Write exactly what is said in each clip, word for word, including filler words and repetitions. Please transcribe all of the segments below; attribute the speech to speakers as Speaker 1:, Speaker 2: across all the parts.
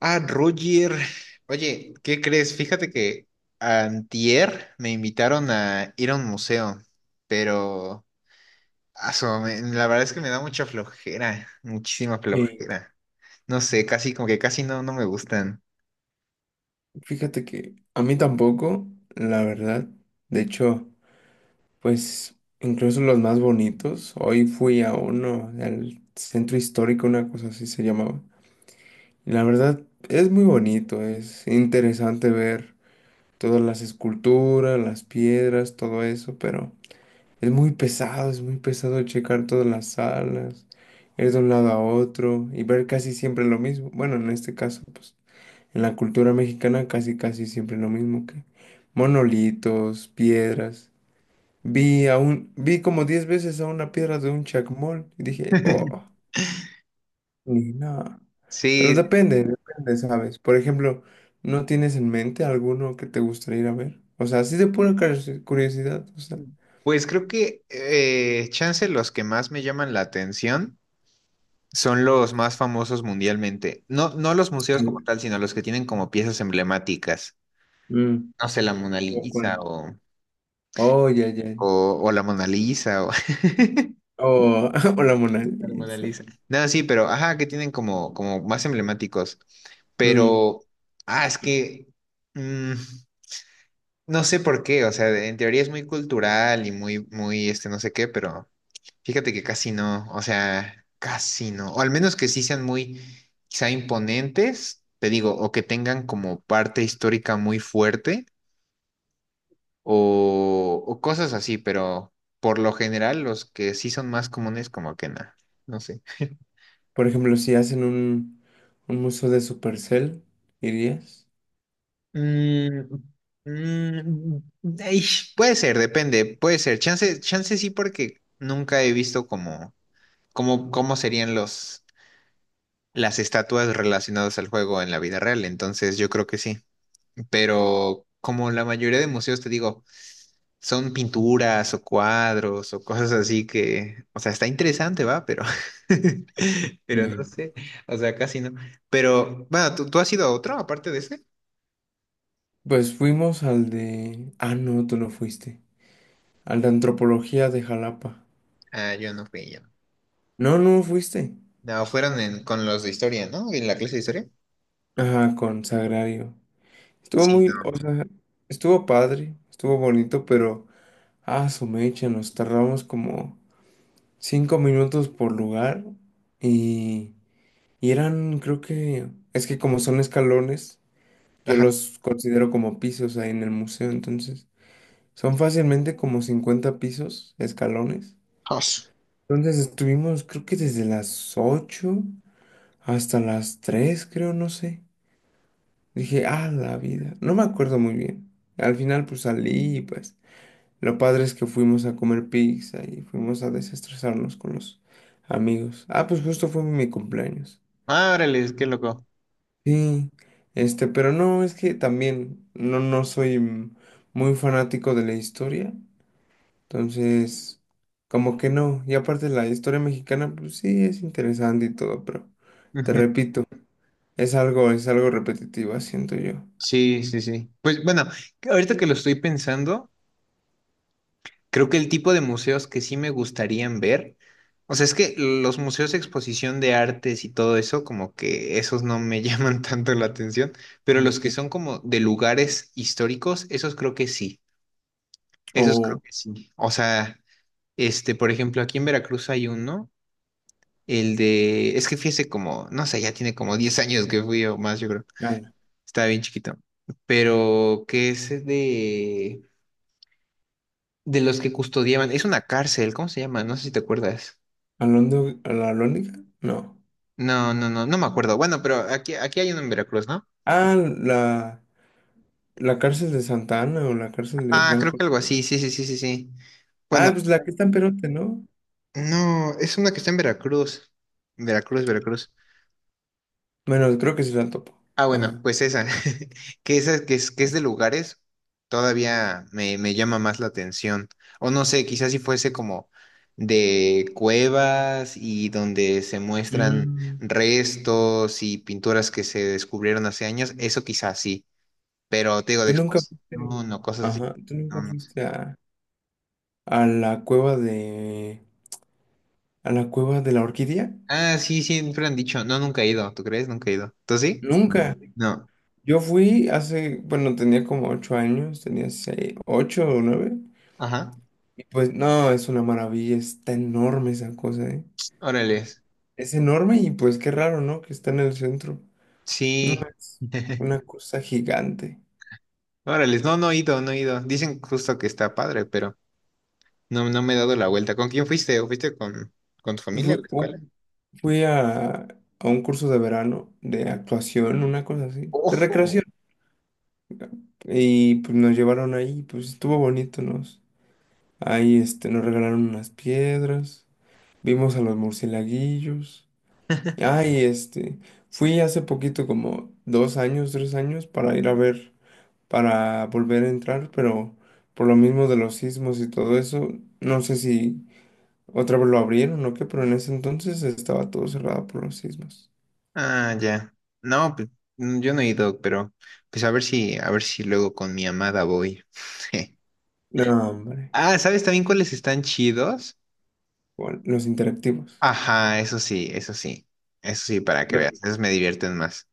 Speaker 1: Ah, Roger. Oye, ¿qué crees? Fíjate que antier me invitaron a ir a un museo, pero aso, me- la verdad es que me da mucha flojera, muchísima
Speaker 2: Y
Speaker 1: flojera. No sé, casi como que casi no, no me gustan.
Speaker 2: fíjate que a mí tampoco, la verdad. De hecho, pues incluso los más bonitos. Hoy fui a uno, al centro histórico, una cosa así se llamaba. Y la verdad es muy bonito, es interesante ver todas las esculturas, las piedras, todo eso, pero es muy pesado, es muy pesado checar todas las salas, ir de un lado a otro y ver casi siempre lo mismo. Bueno, en este caso, pues. En la cultura mexicana casi casi siempre lo mismo que monolitos, piedras. Vi a un, vi como diez veces a una piedra de un chacmol y dije, oh, ni nada. Pero
Speaker 1: Sí,
Speaker 2: depende, depende, ¿sabes? Por ejemplo, ¿no tienes en mente alguno que te gustaría ir a ver? O sea, así de pura curiosi- curiosidad, o sea.
Speaker 1: pues creo que eh, chance los que más me llaman la atención son los más famosos mundialmente. No, no los museos
Speaker 2: al-
Speaker 1: como tal, sino los que tienen como piezas emblemáticas.
Speaker 2: Mm,
Speaker 1: No sé, la Mona
Speaker 2: ¿O
Speaker 1: Lisa
Speaker 2: cuál?
Speaker 1: o,
Speaker 2: Oh, ya, ya, ya.
Speaker 1: o, o la Mona Lisa. O-
Speaker 2: Oh, o la Mona
Speaker 1: a la Mona
Speaker 2: Lisa.
Speaker 1: Lisa. No, sí, pero, ajá, que tienen como, como más emblemáticos. Sí.
Speaker 2: Mm,
Speaker 1: Pero, ah, es que, mm, no sé por qué, o sea, de- en teoría es muy cultural y muy, muy, este, no sé qué, pero fíjate que casi no, o sea, casi no, o al menos que sí sean muy, quizá imponentes, te digo, o que tengan como parte histórica muy fuerte, o, o cosas así, pero por lo general los que sí son más comunes, como que nada, no sé.
Speaker 2: Por ejemplo, si hacen un, un museo de Supercell, ¿irías?
Speaker 1: Mm, mm, ey, puede ser, depende, puede ser. Chance, chance sí, porque nunca he visto cómo cómo, cómo serían los, las estatuas relacionadas al juego en la vida real. Entonces, yo creo que sí. Pero como la mayoría de museos, te digo, son pinturas o cuadros o cosas así que, o sea, está interesante, va, pero, pero no
Speaker 2: Eh,
Speaker 1: sé, o sea, casi no. Pero, bueno, ¿tú, tú has ido a otro aparte de ese?
Speaker 2: Pues fuimos al de... Ah, no, tú no fuiste. Al de antropología de Jalapa.
Speaker 1: Ah, yo no fui, no.
Speaker 2: No, no fuiste.
Speaker 1: No, fueron en- con los de historia, ¿no? En la clase de historia.
Speaker 2: Ajá, con Sagrario. Estuvo
Speaker 1: Sí,
Speaker 2: muy,
Speaker 1: no.
Speaker 2: o sea, estuvo padre, estuvo bonito, pero... Ah, su mecha, nos tardamos como cinco minutos por lugar y... Y eran, creo que... Es que como son escalones, yo
Speaker 1: Ajá.
Speaker 2: los considero como pisos ahí en el museo, entonces... Son fácilmente como cincuenta pisos, escalones.
Speaker 1: Jos.
Speaker 2: Entonces estuvimos, creo que desde las ocho hasta las tres, creo, no sé. Dije, ah, la vida. No me acuerdo muy bien. Al final, pues salí y pues lo padre es que fuimos a comer pizza y fuimos a desestresarnos con los amigos. Ah, pues justo fue mi cumpleaños.
Speaker 1: Ah, órale, qué loco.
Speaker 2: Sí, este, pero no, es que también no, no soy mm, muy fanático de la historia. Entonces, como que no. Y aparte la historia mexicana, pues sí, es interesante y todo, pero te
Speaker 1: Ujú.
Speaker 2: repito, es algo, es algo repetitivo, siento yo.
Speaker 1: Sí, sí, sí. Pues bueno, ahorita que lo estoy pensando, creo que el tipo de museos que sí me gustarían ver, o sea, es que los museos de exposición de artes y todo eso, como que esos no me llaman tanto la atención, pero los que
Speaker 2: Ok.
Speaker 1: son como de lugares históricos, esos creo que sí, esos creo
Speaker 2: O
Speaker 1: que sí. O sea, este, por ejemplo, aquí en Veracruz hay uno. El de, es que fui hace como, no sé, ya tiene como diez años que fui o más, yo creo.
Speaker 2: Ana.
Speaker 1: Estaba bien chiquito. Pero que es de, de los que custodiaban, es una cárcel, ¿cómo se llama? No sé si te acuerdas.
Speaker 2: ¿Alondo, a la Alhóndiga? No.
Speaker 1: No, no, no, no me acuerdo. Bueno, pero aquí, aquí hay uno en Veracruz, ¿no?
Speaker 2: Ah, la, la cárcel de Santa Ana o la cárcel de
Speaker 1: Ah,
Speaker 2: Hernán
Speaker 1: creo que algo
Speaker 2: Cortés.
Speaker 1: así, sí, sí, sí, sí, sí. Bueno,
Speaker 2: Ah, pues la que está en Perote, ¿no?
Speaker 1: no, es una que está en Veracruz. Veracruz, Veracruz.
Speaker 2: Bueno, creo que sí la topo.
Speaker 1: Ah, bueno,
Speaker 2: Ajá.
Speaker 1: pues esa, que esa que es, que es de lugares, todavía me, me llama más la atención. O no sé, quizás si fuese como de cuevas y donde se muestran
Speaker 2: Mm,
Speaker 1: restos y pinturas que se descubrieron hace años, eso quizás sí, pero te digo
Speaker 2: ¿Tú
Speaker 1: de
Speaker 2: nunca
Speaker 1: expos- No,
Speaker 2: fuiste,
Speaker 1: no, cosas así.
Speaker 2: ajá, tú nunca
Speaker 1: No, no sé.
Speaker 2: fuiste a, a la cueva de, a la cueva de la orquídea?
Speaker 1: Ah, sí, siempre han dicho, no, nunca he ido, ¿tú crees? Nunca he ido. ¿Tú sí?
Speaker 2: Nunca.
Speaker 1: No.
Speaker 2: Yo fui hace, bueno, tenía como ocho años, tenía seis, ocho o nueve.
Speaker 1: Ajá.
Speaker 2: Y pues no, es una maravilla, está enorme esa cosa, ¿eh?
Speaker 1: Órale.
Speaker 2: Es enorme y pues qué raro, ¿no? Que está en el centro. No,
Speaker 1: Sí.
Speaker 2: es una cosa gigante.
Speaker 1: Órale, no, no he ido, no he ido. Dicen justo que está padre, pero no, no me he dado la vuelta. ¿Con quién fuiste? ¿O fuiste con, con tu
Speaker 2: Y
Speaker 1: familia
Speaker 2: Fui,
Speaker 1: a la escuela?
Speaker 2: u- fui a, a un curso de verano de actuación, una cosa así, de
Speaker 1: Ojo.
Speaker 2: recreación. Y pues nos llevaron ahí, pues estuvo bonito, nos. Ahí este, nos regalaron unas piedras, vimos a los murcielaguillos. Ay, este, fui hace poquito, como dos años, tres años, para ir a ver, para volver a entrar, pero por lo mismo de los sismos y todo eso, no sé si otra vez lo abrieron o qué, pero en ese entonces estaba todo cerrado por los sismos.
Speaker 1: Ah, ya. No, pues mm, yo no he ido, pero pues a ver si, a ver si luego con mi amada voy.
Speaker 2: No, hombre,
Speaker 1: Ah, ¿sabes también cuáles están chidos?
Speaker 2: bueno, los interactivos.
Speaker 1: Ajá, eso sí, eso sí. Eso sí, para que
Speaker 2: No,
Speaker 1: veas. Esos me divierten más.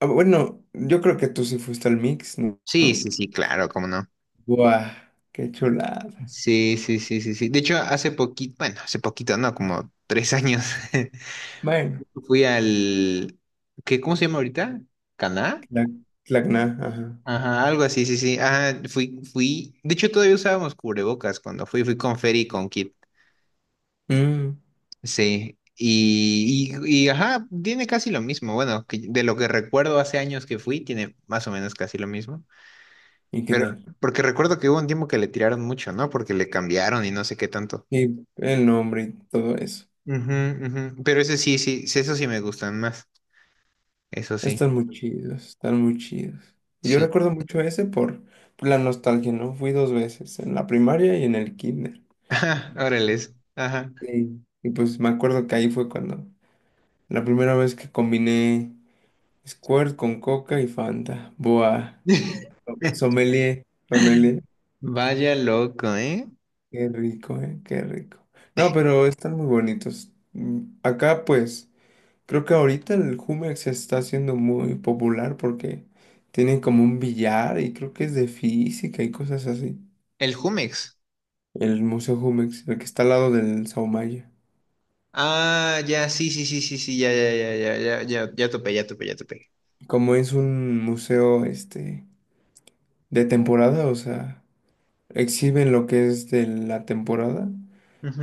Speaker 2: ah, bueno, yo creo que tú sí fuiste al mix, ¿no?
Speaker 1: Sí,
Speaker 2: ¿No?
Speaker 1: sí, sí, claro, cómo no.
Speaker 2: Buah, qué chulada.
Speaker 1: Sí, sí, sí, sí, sí. De hecho, hace poquito, bueno, hace poquito, no, como tres años.
Speaker 2: Bueno,
Speaker 1: Fui al, ¿qué, cómo se llama ahorita? ¿Caná?
Speaker 2: la, Tlac- Tacna, ajá.
Speaker 1: Ajá, algo así, sí, sí. Ajá, fui, fui. De hecho, todavía usábamos cubrebocas cuando fui, fui con Fer y con Kit.
Speaker 2: Mm,
Speaker 1: Sí. Y, y, y, ajá, tiene casi lo mismo. Bueno, que- de lo que recuerdo hace años que fui, tiene más o menos casi lo mismo.
Speaker 2: ¿Y qué
Speaker 1: Pero,
Speaker 2: tal?
Speaker 1: porque recuerdo que hubo un tiempo que le tiraron mucho, ¿no? Porque le cambiaron y no sé qué tanto.
Speaker 2: Y el nombre y todo eso.
Speaker 1: Ujú, ujú. Pero ese sí, sí, sí, eso sí me gustan más. Eso sí.
Speaker 2: Están muy chidos, están muy chidos. Y Yo
Speaker 1: Sí.
Speaker 2: recuerdo mucho ese por, por la nostalgia, ¿no? Fui dos veces, en la primaria y en el kinder.
Speaker 1: Ajá, órales. Ajá.
Speaker 2: Sí. Y pues me acuerdo que ahí fue cuando la primera vez que combiné Squirt con Coca y Fanta. Buah, sommelier, sommelier.
Speaker 1: Vaya loco, ¿eh?
Speaker 2: Qué rico, ¿eh? Qué rico. No, pero están muy bonitos. Mm, Acá pues... Creo que ahorita el Jumex se está haciendo muy popular porque tienen como un billar y creo que es de física y cosas así.
Speaker 1: El Jumex.
Speaker 2: El Museo Jumex, el que está al lado del Saumaya.
Speaker 1: Ah, ya, sí, sí, sí, sí, sí, ya, ya, ya, ya, ya, ya, ya topé, ya topé, ya topé.
Speaker 2: Como es un museo este de temporada, o sea, exhiben lo que es de la temporada,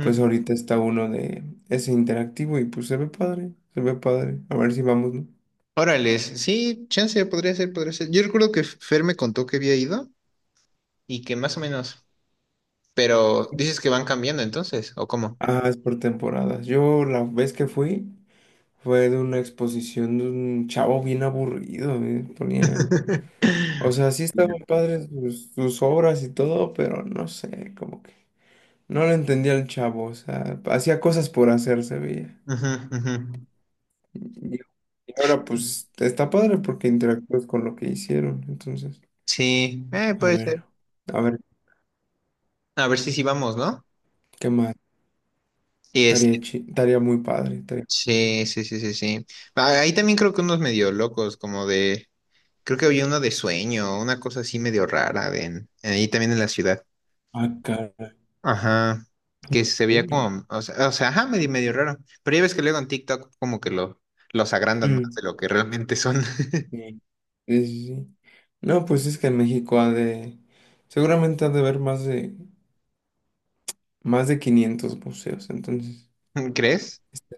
Speaker 2: pues ahorita está uno de ese interactivo y pues se ve padre, se ve padre. A ver si vamos, ¿no?
Speaker 1: Órale, sí, chance, podría ser, podría ser. Yo recuerdo que Fer me contó que había ido y que más o menos, pero dices que van cambiando entonces, ¿o cómo?
Speaker 2: Ah, es por temporadas. Yo la vez que fui Fue de una exposición de un chavo bien aburrido, eh, ponía. O sea, sí estaban padres sus, sus obras y todo, pero no sé, como que no le entendía al chavo, o sea, hacía cosas por hacer, se veía.
Speaker 1: Ujú, ujú.
Speaker 2: Y, y ahora pues está padre porque interactúas con lo que hicieron, entonces,
Speaker 1: Sí, eh,
Speaker 2: a
Speaker 1: puede ser.
Speaker 2: ver, a ver,
Speaker 1: A ver si sí vamos, ¿no?
Speaker 2: ¿qué más?
Speaker 1: Y
Speaker 2: Estaría
Speaker 1: este,
Speaker 2: chi- estaría muy padre, estaría...
Speaker 1: sí, sí, sí, sí, sí. Ah, ahí también creo que unos medio locos, como de creo que había uno de sueño, una cosa así medio rara de en- ahí también en la ciudad.
Speaker 2: Ah, caray.
Speaker 1: Ajá. Que se veía como, o sea, o sea, ajá, medio, medio raro. Pero ya ves que luego en TikTok como que lo, los agrandan más de lo que realmente son.
Speaker 2: Sí, sí, sí, sí. No, pues es que en México ha de, seguramente ha de haber más de, más de quinientos museos, entonces,
Speaker 1: ¿Crees?
Speaker 2: este,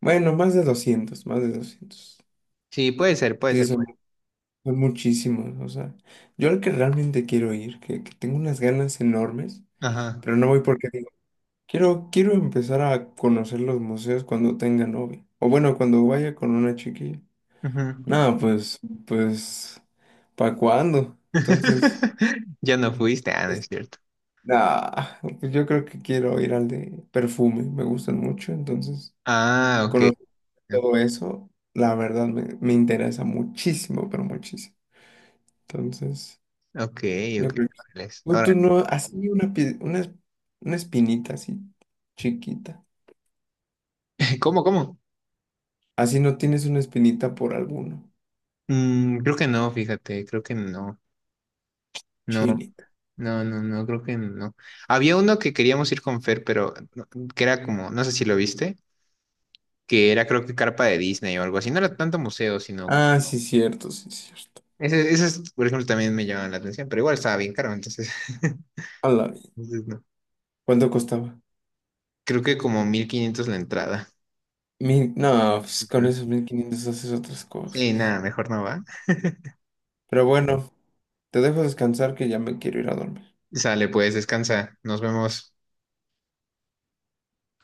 Speaker 2: bueno, más de doscientos más de doscientos
Speaker 1: Sí, puede ser, puede
Speaker 2: Sí,
Speaker 1: ser.
Speaker 2: son,
Speaker 1: puede-
Speaker 2: son muchísimos, o sea, yo al que realmente quiero ir, que, que tengo unas ganas enormes,
Speaker 1: Ajá.
Speaker 2: pero no voy porque digo, quiero, quiero empezar a conocer los museos cuando tenga novia, o bueno, cuando vaya con una chiquilla.
Speaker 1: Ujú.
Speaker 2: No, pues, pues, ¿para cuándo? Entonces...
Speaker 1: Ya no fuiste, ah, no es cierto.
Speaker 2: Nah, pues yo creo que quiero ir al de perfume, me gustan mucho, entonces
Speaker 1: Ah, ok.
Speaker 2: conocer todo eso, la verdad me, me interesa muchísimo, pero muchísimo. Entonces,
Speaker 1: Ok, ok.
Speaker 2: yo creo que... sí.
Speaker 1: Órale.
Speaker 2: No, tú
Speaker 1: Órale.
Speaker 2: no, así una, pi- una, es- una espinita así, chiquita.
Speaker 1: ¿Cómo, cómo?
Speaker 2: Así no tienes una espinita por alguno,
Speaker 1: Mm, creo que no, fíjate, creo que no. No.
Speaker 2: chinita.
Speaker 1: No, no, no, creo que no. Había uno que queríamos ir con Fer, pero no- que era como, no sé si lo viste, que era creo que carpa de Disney o algo así. No era tanto museo, sino...
Speaker 2: Ah, sí, cierto, sí, cierto.
Speaker 1: Ese, esas, por ejemplo, también me llamaban la atención, pero igual estaba bien caro, entonces...
Speaker 2: A la vi-
Speaker 1: entonces no.
Speaker 2: ¿Cuánto costaba?
Speaker 1: Creo que como mil quinientos la entrada.
Speaker 2: Mil, no, pues con
Speaker 1: Ujú.
Speaker 2: esos mil quinientos haces otras
Speaker 1: Sí,
Speaker 2: cosas.
Speaker 1: nada, mejor no va.
Speaker 2: Pero bueno, te dejo descansar que ya me quiero ir a dormir.
Speaker 1: Sale, pues, descansa. Nos vemos.